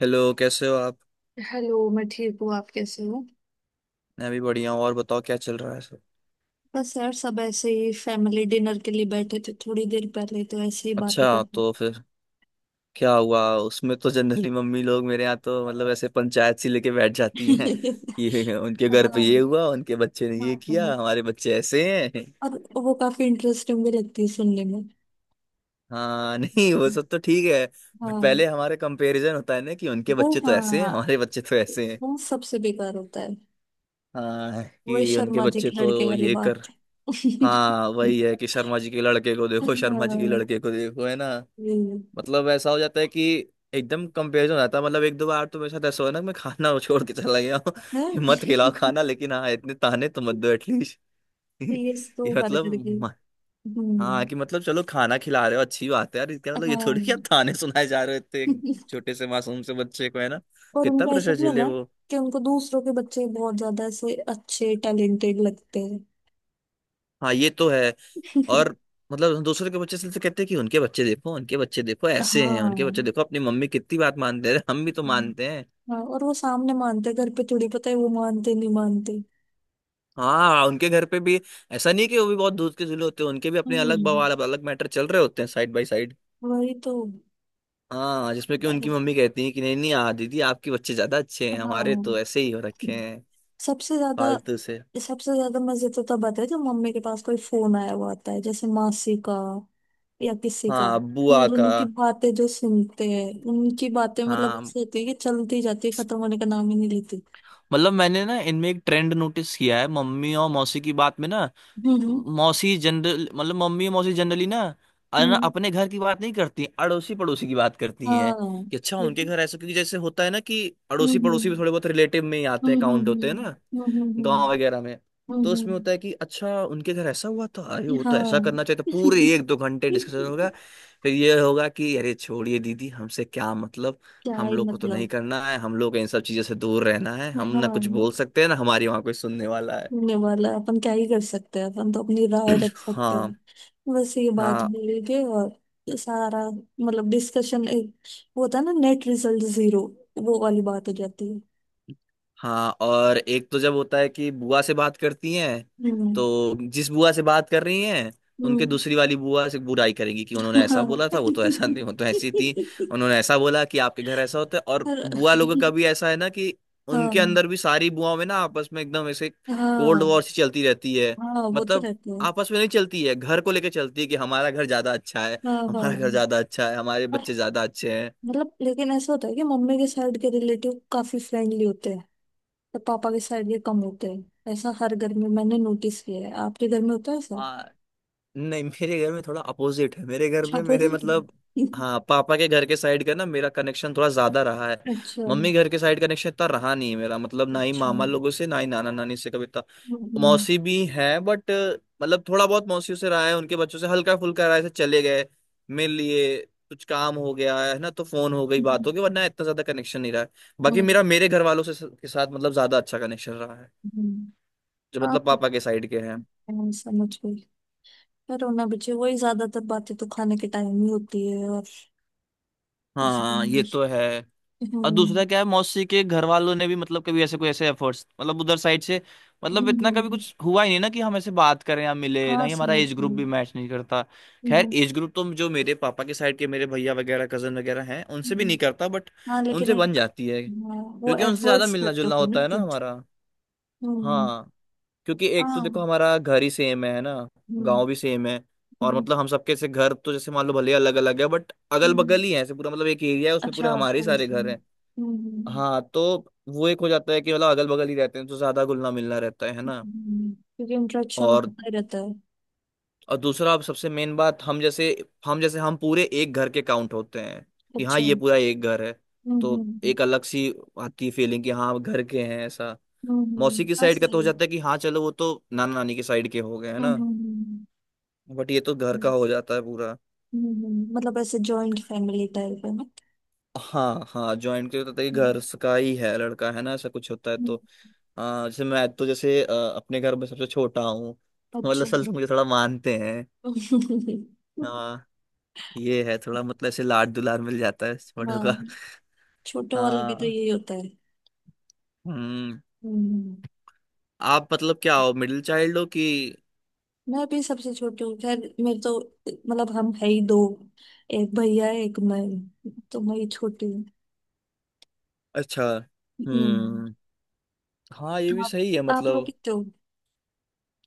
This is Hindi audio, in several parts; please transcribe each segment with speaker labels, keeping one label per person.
Speaker 1: हेलो, कैसे हो आप।
Speaker 2: हेलो, मैं ठीक हूँ। आप कैसे हो?
Speaker 1: मैं भी बढ़िया हूँ। और बताओ, क्या चल रहा है सब।
Speaker 2: बस यार, सब ऐसे ही। फैमिली डिनर के लिए बैठे थे थोड़ी देर पहले, तो ऐसे ही बातें कर
Speaker 1: अच्छा,
Speaker 2: रहे
Speaker 1: तो फिर क्या हुआ उसमें। तो जनरली मम्मी लोग, मेरे यहाँ तो मतलब ऐसे पंचायत सी लेके बैठ
Speaker 2: थे।
Speaker 1: जाती हैं। ये उनके घर पे
Speaker 2: हाँ।
Speaker 1: ये हुआ, उनके बच्चे ने
Speaker 2: हाँ
Speaker 1: ये किया,
Speaker 2: हाँ।
Speaker 1: हमारे बच्चे ऐसे हैं।
Speaker 2: और वो काफी इंटरेस्टिंग भी लगती है सुनने में।
Speaker 1: हाँ। नहीं वो सब तो ठीक है, बट
Speaker 2: हाँ।
Speaker 1: पहले हमारे कंपैरिजन होता है ना, कि उनके
Speaker 2: वो
Speaker 1: बच्चे तो ऐसे हैं,
Speaker 2: हाँ,
Speaker 1: हमारे बच्चे तो ऐसे हैं।
Speaker 2: वो सबसे बेकार होता है।
Speaker 1: हाँ,
Speaker 2: वो इस
Speaker 1: कि उनके
Speaker 2: शर्मा जी के
Speaker 1: बच्चे
Speaker 2: लड़के
Speaker 1: तो
Speaker 2: वाली
Speaker 1: ये कर।
Speaker 2: बात।
Speaker 1: हाँ वही है, कि शर्मा जी के लड़के को देखो, शर्मा जी के
Speaker 2: हाँ,
Speaker 1: लड़के को देखो, है ना।
Speaker 2: ये
Speaker 1: मतलब ऐसा हो जाता है कि एकदम कंपेरिजन हो जाता है। मतलब एक दो बार तो मेरे साथ ऐसा हुआ ना, कि मैं खाना छोड़ के चला गया हूँ।
Speaker 2: हाँ,
Speaker 1: मत खिलाओ खाना, लेकिन हाँ, इतने ताने तो मत दो एटलीस्ट।
Speaker 2: ये तो
Speaker 1: ये
Speaker 2: हर
Speaker 1: मतलब
Speaker 2: घर की।
Speaker 1: म- हाँ,
Speaker 2: हम्म।
Speaker 1: कि मतलब चलो खाना खिला रहे हो, अच्छी बात है यार। इसका मतलब ये थोड़ी कि आप
Speaker 2: हाँ।
Speaker 1: ताने सुनाए जा रहे हो इतने, एक छोटे से मासूम से बच्चे को, है ना।
Speaker 2: पर
Speaker 1: कितना
Speaker 2: उनका ऐसा
Speaker 1: प्रेशर
Speaker 2: भी है
Speaker 1: झेले
Speaker 2: ना
Speaker 1: वो।
Speaker 2: कि उनको दूसरों के बच्चे बहुत ज्यादा ऐसे अच्छे टैलेंटेड लगते हैं।
Speaker 1: हाँ ये तो है। और मतलब दूसरे के बच्चे से तो कहते हैं कि उनके बच्चे देखो, उनके बच्चे देखो ऐसे हैं, उनके
Speaker 2: हाँ
Speaker 1: बच्चे देखो अपनी मम्मी कितनी बात मानते हैं, हम भी तो मानते।
Speaker 2: हाँ। और वो सामने मानते हैं, घर पे थोड़ी पता है वो मानते नहीं मानते।
Speaker 1: हाँ उनके घर पे भी ऐसा नहीं कि वो भी बहुत दूध के चूल्हे होते हैं। उनके भी अपने अलग
Speaker 2: हम्म,
Speaker 1: बवाल, अलग मैटर चल रहे होते हैं साइड बाय साइड।
Speaker 2: वही तो।
Speaker 1: हाँ, जिसमें कि उनकी
Speaker 2: ऐसे-
Speaker 1: मम्मी कहती है कि नहीं नहीं आ दीदी, आपके बच्चे ज्यादा अच्छे हैं, हमारे
Speaker 2: हाँ।
Speaker 1: तो ऐसे ही हो रखे हैं,
Speaker 2: सबसे ज्यादा
Speaker 1: फालतू से।
Speaker 2: सबसे ज्यादा मजे तो तब आते हैं जब मम्मी के पास कोई फोन आया हुआ आता है, जैसे मासी का या किसी का।
Speaker 1: हाँ
Speaker 2: उन
Speaker 1: बुआ का।
Speaker 2: दोनों की बातें जो सुनते हैं, उनकी बातें मतलब
Speaker 1: हाँ
Speaker 2: ऐसी होती है कि चलती जाती है, खत्म होने का नाम ही नहीं लेती।
Speaker 1: मतलब मैंने ना इनमें एक ट्रेंड नोटिस किया है, मम्मी और मौसी की बात में ना,
Speaker 2: हम्म
Speaker 1: मौसी जनरल मतलब मम्मी और मौसी जनरली ना,
Speaker 2: हम्म।
Speaker 1: अपने घर की बात नहीं करती, अड़ोसी पड़ोसी की बात करती हैं
Speaker 2: हाँ।
Speaker 1: कि अच्छा उनके
Speaker 2: लेकिन
Speaker 1: घर ऐसा, क्योंकि जैसे होता है ना कि अड़ोसी पड़ोसी भी
Speaker 2: हम्म
Speaker 1: थोड़े बहुत रिलेटिव में ही आते
Speaker 2: हम्म
Speaker 1: हैं,
Speaker 2: हम्म
Speaker 1: काउंट होते हैं ना,
Speaker 2: हम्म हम्म हम्म हम्म
Speaker 1: गांव वगैरह में।
Speaker 2: हम्म,
Speaker 1: तो उसमें
Speaker 2: हम्म,
Speaker 1: होता है कि अच्छा उनके घर ऐसा हुआ था, अरे वो तो ऐसा करना चाहिए
Speaker 2: हाँ।
Speaker 1: था, पूरे एक दो घंटे डिस्कशन होगा। फिर ये होगा कि अरे छोड़िए दीदी, हमसे क्या मतलब।
Speaker 2: क्या
Speaker 1: हम
Speaker 2: ही
Speaker 1: लोग को तो नहीं
Speaker 2: मतलब।
Speaker 1: करना है, हम लोग को इन सब चीजों से दूर रहना है। हम ना कुछ बोल
Speaker 2: हाँ,
Speaker 1: सकते हैं ना हमारी वहां कोई सुनने वाला है।
Speaker 2: होने वाला है। अपन क्या ही कर सकते हैं, अपन तो अपनी राय रख सकते हैं।
Speaker 1: हाँ
Speaker 2: बस ये बात
Speaker 1: हाँ।
Speaker 2: बोलेंगे और सारा मतलब डिस्कशन एक वो होता है ना, नेट रिजल्ट जीरो। वो वाली बात हो जाती है।
Speaker 1: हाँ और एक तो जब होता है कि बुआ से बात करती हैं,
Speaker 2: हम्म
Speaker 1: तो जिस बुआ से बात कर रही हैं उनके
Speaker 2: हम्म।
Speaker 1: दूसरी वाली बुआ से बुराई करेंगी, कि उन्होंने ऐसा
Speaker 2: हाँ।
Speaker 1: बोला था, वो तो ऐसा नहीं, वो तो ऐसी थी, उन्होंने ऐसा बोला कि आपके घर ऐसा होता है। और
Speaker 2: और-
Speaker 1: बुआ लोगों का भी ऐसा है ना, कि
Speaker 2: हाँ
Speaker 1: उनके अंदर भी सारी बुआओं में ना आपस में एकदम ऐसे कोल्ड वॉर
Speaker 2: हाँ
Speaker 1: सी चलती रहती है।
Speaker 2: हाँ वो तो
Speaker 1: मतलब
Speaker 2: रहते हैं।
Speaker 1: आपस में नहीं चलती है, घर को लेकर चलती है, कि हमारा घर ज्यादा अच्छा है,
Speaker 2: हाँ
Speaker 1: हमारा घर
Speaker 2: हाँ।
Speaker 1: ज्यादा अच्छा है, हमारे
Speaker 2: और
Speaker 1: बच्चे ज्यादा अच्छे हैं।
Speaker 2: मतलब लेकिन ऐसा होता है कि मम्मी के साइड के रिलेटिव काफी फ्रेंडली होते हैं और पापा के साइड के कम होते हैं। ऐसा हर घर में मैंने नोटिस किया है। आपके घर में होता है ऐसा?
Speaker 1: हाँ नहीं मेरे घर में थोड़ा अपोजिट है। मेरे घर
Speaker 2: अच्छा,
Speaker 1: में मेरे
Speaker 2: अपोजिट
Speaker 1: मतलब,
Speaker 2: है।
Speaker 1: हाँ, पापा के घर के साइड का ना मेरा कनेक्शन थोड़ा ज्यादा रहा है।
Speaker 2: अच्छा।
Speaker 1: मम्मी घर के साइड कनेक्शन इतना रहा नहीं है मेरा। मतलब ना ही
Speaker 2: अच्छा।
Speaker 1: मामा लोगों से, ना ही नाना नानी से कभी इतना।
Speaker 2: हम्म
Speaker 1: मौसी भी है बट, मतलब थोड़ा बहुत मौसियों से रहा है, उनके बच्चों से हल्का फुल्का रहा है, ऐसे चले गए, मिल लिए, कुछ काम हो गया है ना, तो फोन हो गई, बात
Speaker 2: हम्म
Speaker 1: हो गई, वरना इतना ज्यादा कनेक्शन नहीं रहा है। बाकी मेरा मेरे घर वालों से के साथ मतलब ज्यादा अच्छा कनेक्शन रहा है,
Speaker 2: हम्म।
Speaker 1: जो मतलब
Speaker 2: आप
Speaker 1: पापा के साइड के हैं।
Speaker 2: हाँ, समझ गई। पर होना बच्चे, वही ज्यादातर बातें तो खाने के टाइम ही होती है। और
Speaker 1: हाँ
Speaker 2: हम्म
Speaker 1: ये तो है। और दूसरा क्या है, मौसी के घर वालों ने भी मतलब कभी ऐसे कोई ऐसे एफर्ट्स, मतलब उधर साइड से मतलब
Speaker 2: हम्म
Speaker 1: इतना कभी
Speaker 2: हम्म,
Speaker 1: कुछ हुआ ही नहीं ना, कि हम ऐसे बात करें या मिले। ना
Speaker 2: हाँ
Speaker 1: ही हमारा
Speaker 2: समझ
Speaker 1: एज ग्रुप
Speaker 2: गई।
Speaker 1: भी मैच नहीं करता। खैर
Speaker 2: हम्म
Speaker 1: एज ग्रुप तो जो मेरे पापा के साइड के मेरे भैया वगैरह कजन वगैरह हैं, उनसे भी नहीं
Speaker 2: हम्म।
Speaker 1: करता, बट
Speaker 2: हाँ, लेकिन
Speaker 1: उनसे बन जाती है,
Speaker 2: हाँ, वो
Speaker 1: क्योंकि उनसे ज्यादा
Speaker 2: एफर्ट्स
Speaker 1: मिलना
Speaker 2: करते
Speaker 1: जुलना
Speaker 2: हो ना
Speaker 1: होता है ना
Speaker 2: खुद।
Speaker 1: हमारा।
Speaker 2: हम्म।
Speaker 1: हाँ, क्योंकि एक तो देखो
Speaker 2: हाँ।
Speaker 1: हमारा घर ही सेम है ना,
Speaker 2: हम्म
Speaker 1: गांव भी सेम है। और
Speaker 2: हम्म,
Speaker 1: मतलब हम सबके से घर तो जैसे मान लो भले अलग अलग है, बट अगल बगल
Speaker 2: हम्म।
Speaker 1: ही है। ऐसे पूरा मतलब एक एरिया है, उसमें
Speaker 2: अच्छा
Speaker 1: पूरे हमारे ही
Speaker 2: अच्छा,
Speaker 1: सारे घर
Speaker 2: इसलिए।
Speaker 1: हैं।
Speaker 2: हम्म हम्म,
Speaker 1: हाँ तो वो एक हो जाता है कि मतलब अगल बगल ही रहते हैं, तो ज्यादा घुलना मिलना रहता है ना।
Speaker 2: क्योंकि इंट्रैक्शन
Speaker 1: और
Speaker 2: होता ही रहता है।
Speaker 1: और दूसरा, अब सबसे मेन बात, हम जैसे, हम जैसे हम पूरे एक घर के काउंट होते हैं, कि हाँ
Speaker 2: अच्छा।
Speaker 1: ये पूरा एक घर है।
Speaker 2: हम्म
Speaker 1: तो
Speaker 2: हम्म
Speaker 1: एक अलग सी आती है फीलिंग, कि हाँ हम घर के हैं ऐसा। मौसी की
Speaker 2: हाँ
Speaker 1: साइड का तो हो
Speaker 2: सही है।
Speaker 1: जाता है कि हाँ चलो वो तो नाना नानी की साइड के हो गए, है
Speaker 2: हम्म
Speaker 1: ना।
Speaker 2: हम्म हम्म,
Speaker 1: बट ये तो घर का
Speaker 2: हम्म,
Speaker 1: हो जाता है पूरा।
Speaker 2: हम्म। मतलब ऐसे जॉइंट फैमिली टाइप है ना।
Speaker 1: हाँ हाँ, ज्वाइंट के होता है, घर
Speaker 2: हम्म,
Speaker 1: का ही है, लड़का है ना ऐसा कुछ होता है।
Speaker 2: हम्म,
Speaker 1: तो जैसे मैं तो, जैसे अपने घर में सबसे छोटा हूँ, तो मतलब
Speaker 2: अच्छा।
Speaker 1: असल से मुझे थोड़ा मानते हैं। हाँ ये है थोड़ा, मतलब ऐसे लाड दुलार मिल जाता है इस बड़ों का।
Speaker 2: हाँ, छोटे वाले भी तो
Speaker 1: हाँ।
Speaker 2: यही होता है।
Speaker 1: हम्म।
Speaker 2: हम्म।
Speaker 1: आप मतलब क्या हो, मिडिल चाइल्ड हो कि।
Speaker 2: मैं भी सबसे छोटी हूँ, खैर मेरे तो मतलब हम है ही दो। एक भैया है, एक मैं हूँ, तो मैं ही छोटी हूँ।
Speaker 1: अच्छा।
Speaker 2: हम्म।
Speaker 1: हम्म। हाँ ये भी
Speaker 2: आप
Speaker 1: सही है।
Speaker 2: आप लोग
Speaker 1: मतलब
Speaker 2: कितने हो?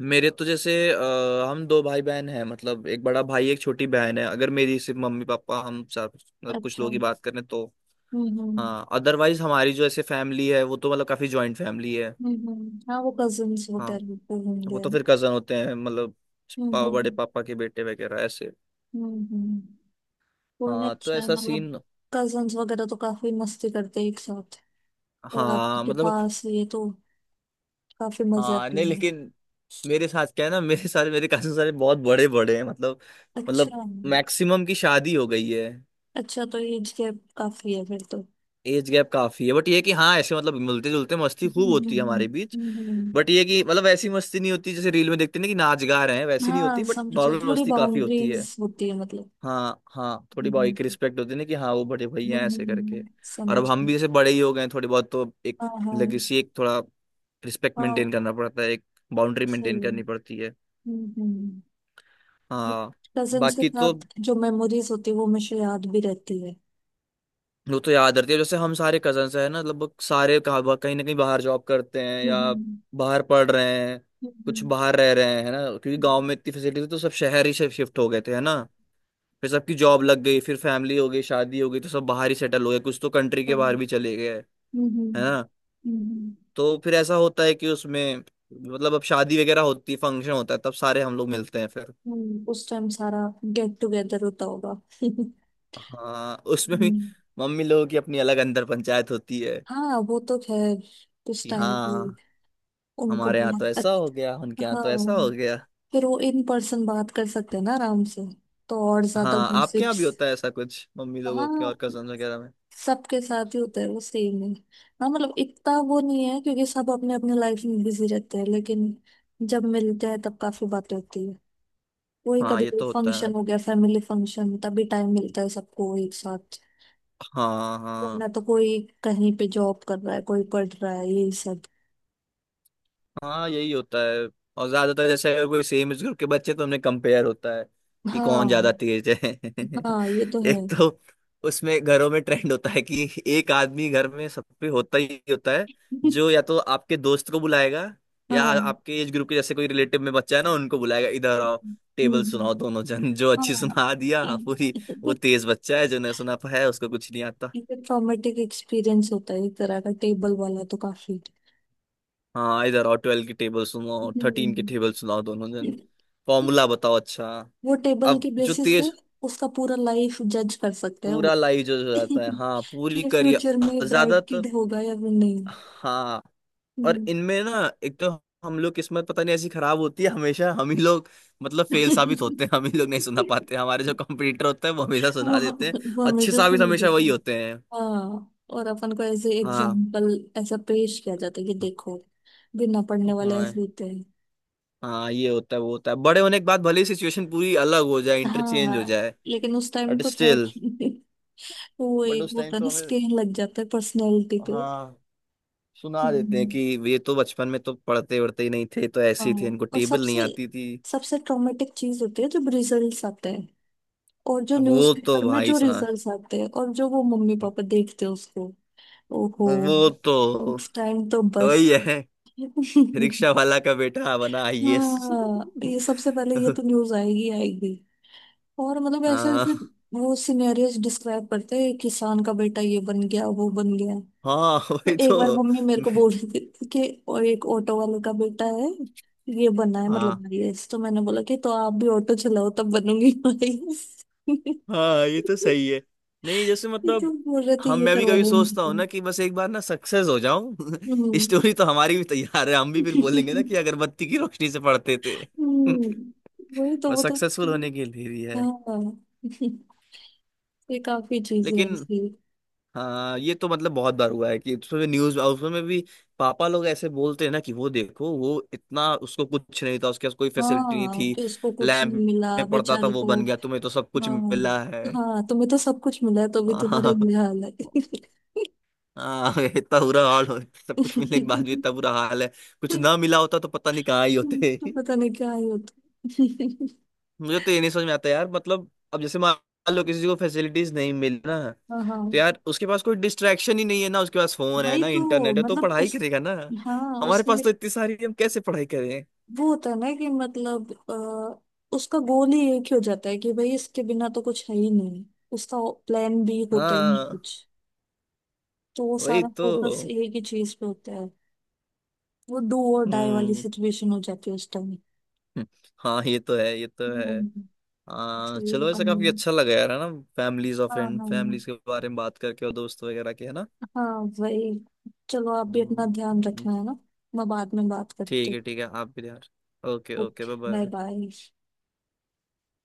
Speaker 1: मेरे तो जैसे, हम दो भाई बहन हैं, मतलब एक बड़ा भाई एक छोटी बहन है। अगर मेरी सिर्फ मम्मी पापा, हम चार, मतलब कुछ
Speaker 2: अच्छा।
Speaker 1: लोग ही बात करें तो।
Speaker 2: हम्म हम्म
Speaker 1: हाँ अदरवाइज हमारी जो ऐसे फैमिली है वो तो मतलब काफी जॉइंट फैमिली है।
Speaker 2: हम्म। हाँ, वो कजिन्स होते
Speaker 1: हाँ
Speaker 2: हैं, बिल्कुल
Speaker 1: वो
Speaker 2: होंगे।
Speaker 1: तो फिर कजन होते हैं मतलब, बड़े
Speaker 2: हम्म
Speaker 1: पापा के बेटे वगैरह ऐसे।
Speaker 2: हम्म। कोई नहीं,
Speaker 1: हाँ तो
Speaker 2: अच्छा है,
Speaker 1: ऐसा
Speaker 2: मतलब
Speaker 1: सीन।
Speaker 2: कजिन्स वगैरह तो काफी मस्ती करते हैं एक साथ। और
Speaker 1: हाँ
Speaker 2: आपके
Speaker 1: मतलब,
Speaker 2: पास ये तो काफी मजे
Speaker 1: हाँ
Speaker 2: आती
Speaker 1: नहीं
Speaker 2: है।
Speaker 1: लेकिन, मेरे साथ क्या है ना, मेरे सारे मेरे कजन सारे बहुत बड़े बड़े हैं मतलब, मतलब
Speaker 2: अच्छा।
Speaker 1: मैक्सिमम की शादी हो गई है।
Speaker 2: अच्छा तो एज गैप काफी है फिर तो।
Speaker 1: एज गैप काफी है बट ये कि हाँ ऐसे मतलब मिलते जुलते मस्ती खूब
Speaker 2: हम्म हम्म
Speaker 1: होती है हमारे बीच।
Speaker 2: हम्म हम्म, हम्म।
Speaker 1: बट ये कि मतलब ऐसी मस्ती नहीं होती जैसे रील में देखते हैं ना कि नाच गा रहे हैं, वैसी नहीं
Speaker 2: हाँ
Speaker 1: होती, बट
Speaker 2: समझे,
Speaker 1: नॉर्मल
Speaker 2: थोड़ी
Speaker 1: मस्ती काफी होती है।
Speaker 2: बाउंड्रीज होती है मतलब।
Speaker 1: हाँ हाँ थोड़ी भाई की
Speaker 2: हम्म,
Speaker 1: रिस्पेक्ट होती है ना, कि हाँ वो बड़े भैया हैं ऐसे करके। और अब
Speaker 2: समझ
Speaker 1: हम भी
Speaker 2: गई।
Speaker 1: जैसे बड़े ही हो गए हैं, थोड़ी बहुत तो एक
Speaker 2: हाँ हाँ।
Speaker 1: लेगेसी, एक थोड़ा रिस्पेक्ट मेंटेन
Speaker 2: हाँ।
Speaker 1: करना पड़ता है, एक बाउंड्री मेंटेन करनी
Speaker 2: सही।
Speaker 1: पड़ती है।
Speaker 2: हम्म।
Speaker 1: हाँ।
Speaker 2: Cousins के
Speaker 1: बाकी तो
Speaker 2: साथ जो मेमोरीज होती है वो मुझे याद भी रहती है।
Speaker 1: वो तो याद रहती है, जैसे हम सारे कजन्स हैं ना, लगभग सारे कहाँ कहीं ना कहीं बाहर जॉब करते हैं या
Speaker 2: हम्म,
Speaker 1: बाहर पढ़ रहे हैं, कुछ
Speaker 2: हम्म
Speaker 1: बाहर रह रहे हैं, है ना। क्योंकि गांव में इतनी फैसिलिटी थी, तो सब शहर ही शिफ्ट हो गए थे, है ना। फिर सबकी जॉब लग गई, फिर फैमिली हो गई, शादी हो गई, तो सब बाहर ही सेटल हो गए, कुछ तो कंट्री के बाहर
Speaker 2: हम्म
Speaker 1: भी चले गए, है
Speaker 2: हम्म,
Speaker 1: ना।
Speaker 2: हम्म,
Speaker 1: तो फिर ऐसा होता है कि उसमें मतलब अब शादी वगैरह होती है, फंक्शन होता है तब सारे हम लोग मिलते हैं फिर।
Speaker 2: उस टाइम सारा गेट टुगेदर होता होगा।
Speaker 1: हाँ उसमें भी
Speaker 2: हम्म।
Speaker 1: मम्मी लोगों की अपनी अलग अंदर पंचायत होती है,
Speaker 2: हाँ, वो तो खैर उस
Speaker 1: कि
Speaker 2: टाइम पे
Speaker 1: हाँ
Speaker 2: उनको
Speaker 1: हमारे
Speaker 2: भी।
Speaker 1: यहाँ तो ऐसा हो गया,
Speaker 2: अच्छा।
Speaker 1: उनके यहाँ
Speaker 2: हाँ।
Speaker 1: तो ऐसा हो गया।
Speaker 2: फिर वो इन पर्सन बात कर सकते हैं ना आराम से, तो और ज्यादा
Speaker 1: हाँ आपके यहाँ
Speaker 2: गॉसिप्स।
Speaker 1: भी होता है ऐसा कुछ मम्मी लोगों के
Speaker 2: हाँ,
Speaker 1: और कजन वगैरह में।
Speaker 2: सबके साथ ही होता है, वो सेम है। हाँ, मतलब इतना वो नहीं है क्योंकि सब अपने अपने लाइफ में बिजी रहते हैं, लेकिन जब मिलते हैं तब काफी बातें होती है। वही,
Speaker 1: हाँ
Speaker 2: कभी
Speaker 1: ये
Speaker 2: कोई
Speaker 1: तो होता है।
Speaker 2: फंक्शन हो गया, फैमिली फंक्शन, तभी टाइम मिलता है सबको एक साथ।
Speaker 1: हाँ हाँ।
Speaker 2: वरना तो कोई कहीं पे जॉब कर रहा है, कोई पढ़ रहा है ये सब।
Speaker 1: हाँ यही होता है। और ज्यादातर जैसे अगर कोई सेम एज ग्रुप के बच्चे तो उनमें कंपेयर होता है, कि कौन ज्यादा
Speaker 2: हाँ।
Speaker 1: तेज है।
Speaker 2: हाँ ये तो है।
Speaker 1: एक तो उसमें घरों में ट्रेंड होता है कि एक आदमी घर में सब पे होता ही होता है, जो या तो आपके दोस्त को बुलाएगा या
Speaker 2: हाँ।
Speaker 1: आपके एज ग्रुप के जैसे कोई रिलेटिव में बच्चा है ना उनको बुलाएगा, इधर आओ, टेबल
Speaker 2: हम्म,
Speaker 1: सुनाओ दोनों जन, जो अच्छी
Speaker 2: हाँ।
Speaker 1: सुना दिया हाँ, पूरी। वो तेज बच्चा है, जो नहीं सुना पाया उसको कुछ नहीं आता।
Speaker 2: ये ट्रॉमेटिक एक्सपीरियंस होता है एक तरह का, टेबल वाला तो काफी।
Speaker 1: हाँ, इधर आओ 12 की टेबल सुनाओ, 13 की
Speaker 2: हम्म।
Speaker 1: टेबल सुनाओ दोनों जन, फॉर्मूला बताओ अच्छा।
Speaker 2: वो टेबल
Speaker 1: अब
Speaker 2: के
Speaker 1: जो
Speaker 2: बेसिस पे
Speaker 1: तेज,
Speaker 2: उसका पूरा लाइफ जज कर सकते हैं वो।
Speaker 1: पूरा लाइव जो हो जाता है, हाँ
Speaker 2: कि
Speaker 1: पूरी
Speaker 2: ये फ्यूचर
Speaker 1: करियर
Speaker 2: में ब्राइट
Speaker 1: ज्यादातर।
Speaker 2: किड होगा या फिर नहीं।
Speaker 1: हाँ और
Speaker 2: हम्म।
Speaker 1: इनमें ना एक तो हम लोग किस्मत पता नहीं ऐसी खराब होती है, हमेशा हम ही लोग मतलब फेल साबित होते हैं, हम ही लोग नहीं सुना पाते, हमारे जो कंपटीटर होते हैं वो हमेशा
Speaker 2: वो
Speaker 1: सुना देते हैं,
Speaker 2: वो
Speaker 1: अच्छे
Speaker 2: हमेशा
Speaker 1: साबित
Speaker 2: सुन
Speaker 1: हमेशा
Speaker 2: देते
Speaker 1: वही
Speaker 2: हैं।
Speaker 1: होते हैं।
Speaker 2: हाँ, और अपन को ऐसे
Speaker 1: हाँ
Speaker 2: एग्जाम्पल ऐसा पेश किया जाता है कि देखो, बिना पढ़ने वाले
Speaker 1: हाँ।
Speaker 2: ऐसे होते हैं।
Speaker 1: हाँ ये होता है वो होता है, बड़े होने के बाद भले ही सिचुएशन पूरी अलग हो जाए, इंटरचेंज हो
Speaker 2: हाँ।
Speaker 1: जाए,
Speaker 2: लेकिन उस टाइम
Speaker 1: बट
Speaker 2: तो खैर।
Speaker 1: स्टिल
Speaker 2: तो वो
Speaker 1: बट
Speaker 2: एक
Speaker 1: उस
Speaker 2: वो
Speaker 1: टाइम
Speaker 2: होता है
Speaker 1: तो
Speaker 2: ना,
Speaker 1: हमें,
Speaker 2: स्टेन लग जाता है पर्सनैलिटी पे।
Speaker 1: हाँ सुना देते हैं कि
Speaker 2: हम्म,
Speaker 1: ये तो बचपन में तो पढ़ते वढ़ते ही नहीं थे, तो
Speaker 2: हाँ।
Speaker 1: ऐसे ही थे, इनको
Speaker 2: और
Speaker 1: टेबल
Speaker 2: सबसे
Speaker 1: नहीं आती थी।
Speaker 2: सबसे ट्रॉमेटिक चीज होती है जब रिजल्ट्स आते हैं। और जो
Speaker 1: वो तो
Speaker 2: न्यूज़पेपर में
Speaker 1: भाई
Speaker 2: जो
Speaker 1: साहब,
Speaker 2: रिजल्ट्स आते हैं और जो वो मम्मी पापा देखते हैं उसको, ओहो।
Speaker 1: वो तो
Speaker 2: नेक्स्ट टाइम तो बस।
Speaker 1: वही है, रिक्शा वाला का बेटा बना आईएएस।
Speaker 2: हाँ, ये सबसे पहले ये तो न्यूज आएगी आएगी। और मतलब ऐसे ऐसे
Speaker 1: हाँ
Speaker 2: वो सिनेरियोस डिस्क्राइब करते हैं, किसान का बेटा ये बन गया, वो बन गया।
Speaker 1: हाँ
Speaker 2: तो
Speaker 1: वही तो।
Speaker 2: एक बार मम्मी मेरे को
Speaker 1: मैं-
Speaker 2: बोल रही थी कि वो एक ऑटो वाले का बेटा है, ये बना है
Speaker 1: हाँ
Speaker 2: मतलब आईएएस। तो मैंने बोला कि तो आप भी ऑटो चलाओ, तब बनूंगी आईएएस।
Speaker 1: हाँ, ये तो सही है। नहीं जैसे
Speaker 2: तो
Speaker 1: मतलब
Speaker 2: बोल रहे थे
Speaker 1: हम,
Speaker 2: ये
Speaker 1: मैं भी
Speaker 2: करवा
Speaker 1: कभी
Speaker 2: लो
Speaker 1: सोचता हूँ
Speaker 2: उनसे।
Speaker 1: ना कि बस एक बार ना सक्सेस हो जाऊं।
Speaker 2: हम्म।
Speaker 1: स्टोरी तो हमारी भी तैयार है, हम भी फिर बोलेंगे ना कि अगरबत्ती की रोशनी से पढ़ते थे।
Speaker 2: हम्म, वही तो, वो
Speaker 1: बस
Speaker 2: तो।
Speaker 1: सक्सेसफुल होने के लिए ही है।
Speaker 2: हाँ। ये काफी चीजें
Speaker 1: लेकिन
Speaker 2: ऐसी।
Speaker 1: हाँ ये तो मतलब बहुत बार हुआ है कि उसमें न्यूज, उसमें भी पापा लोग ऐसे बोलते हैं ना कि वो देखो वो इतना, उसको कुछ नहीं था, उसके पास कोई फैसिलिटी नहीं
Speaker 2: हाँ
Speaker 1: थी,
Speaker 2: कि उसको कुछ
Speaker 1: लैब
Speaker 2: नहीं मिला
Speaker 1: में पढ़ता था
Speaker 2: बेचारे
Speaker 1: वो
Speaker 2: को।
Speaker 1: बन गया, तुम्हें तो सब कुछ
Speaker 2: हाँ।
Speaker 1: मिला है।
Speaker 2: हाँ, तुम्हें तो सब कुछ मिला है तो भी तुम्हारे
Speaker 1: हाँ।
Speaker 2: लिए हाल है।
Speaker 1: हाँ इतना बुरा हाल हो, सब कुछ मिलने के बाद भी इतना बुरा हाल है, कुछ ना मिला होता तो पता नहीं कहाँ ही होते।
Speaker 2: तो पता नहीं क्या ही होता।
Speaker 1: मुझे तो ये नहीं समझ में आता यार, मतलब अब जैसे मान लो किसी को फैसिलिटीज नहीं मिल ना,
Speaker 2: हाँ हाँ।
Speaker 1: तो यार उसके पास कोई डिस्ट्रैक्शन ही नहीं है ना, उसके पास फोन है
Speaker 2: वही
Speaker 1: ना
Speaker 2: तो,
Speaker 1: इंटरनेट है, तो
Speaker 2: मतलब
Speaker 1: पढ़ाई
Speaker 2: उस
Speaker 1: करेगा ना।
Speaker 2: हाँ,
Speaker 1: हमारे
Speaker 2: उसने
Speaker 1: पास तो इतनी सारी है, हम कैसे पढ़ाई करें।
Speaker 2: वो होता है ना कि मतलब उसका गोल ही एक ही हो जाता है कि भाई इसके बिना तो कुछ है ही नहीं। उसका प्लान भी होता ही नहीं
Speaker 1: हाँ
Speaker 2: कुछ, तो वो
Speaker 1: वही
Speaker 2: सारा फोकस
Speaker 1: तो।
Speaker 2: एक ही चीज पे होता है। वो डू और डाई वाली
Speaker 1: हम्म
Speaker 2: सिचुएशन हो जाती है उस टाइम।
Speaker 1: हम्म, हाँ ये तो है ये तो है।
Speaker 2: हम्म,
Speaker 1: हाँ
Speaker 2: इसलिए,
Speaker 1: चलो, ऐसा काफी अच्छा लगा यार, है ना, फैमिलीज और
Speaker 2: हाँ
Speaker 1: फ्रेंड
Speaker 2: हाँ।
Speaker 1: फैमिलीज के बारे में बात करके, और दोस्त वगैरह के, है ना।
Speaker 2: हाँ वही, चलो आप भी अपना
Speaker 1: हम्म, हम्म,
Speaker 2: ध्यान
Speaker 1: हम्म।
Speaker 2: रखना है ना। मैं बाद में बात करती
Speaker 1: ठीक
Speaker 2: हूँ।
Speaker 1: है ठीक है, आप भी यार। Okay okay,
Speaker 2: okay,
Speaker 1: bye
Speaker 2: bye
Speaker 1: bye.
Speaker 2: Bye.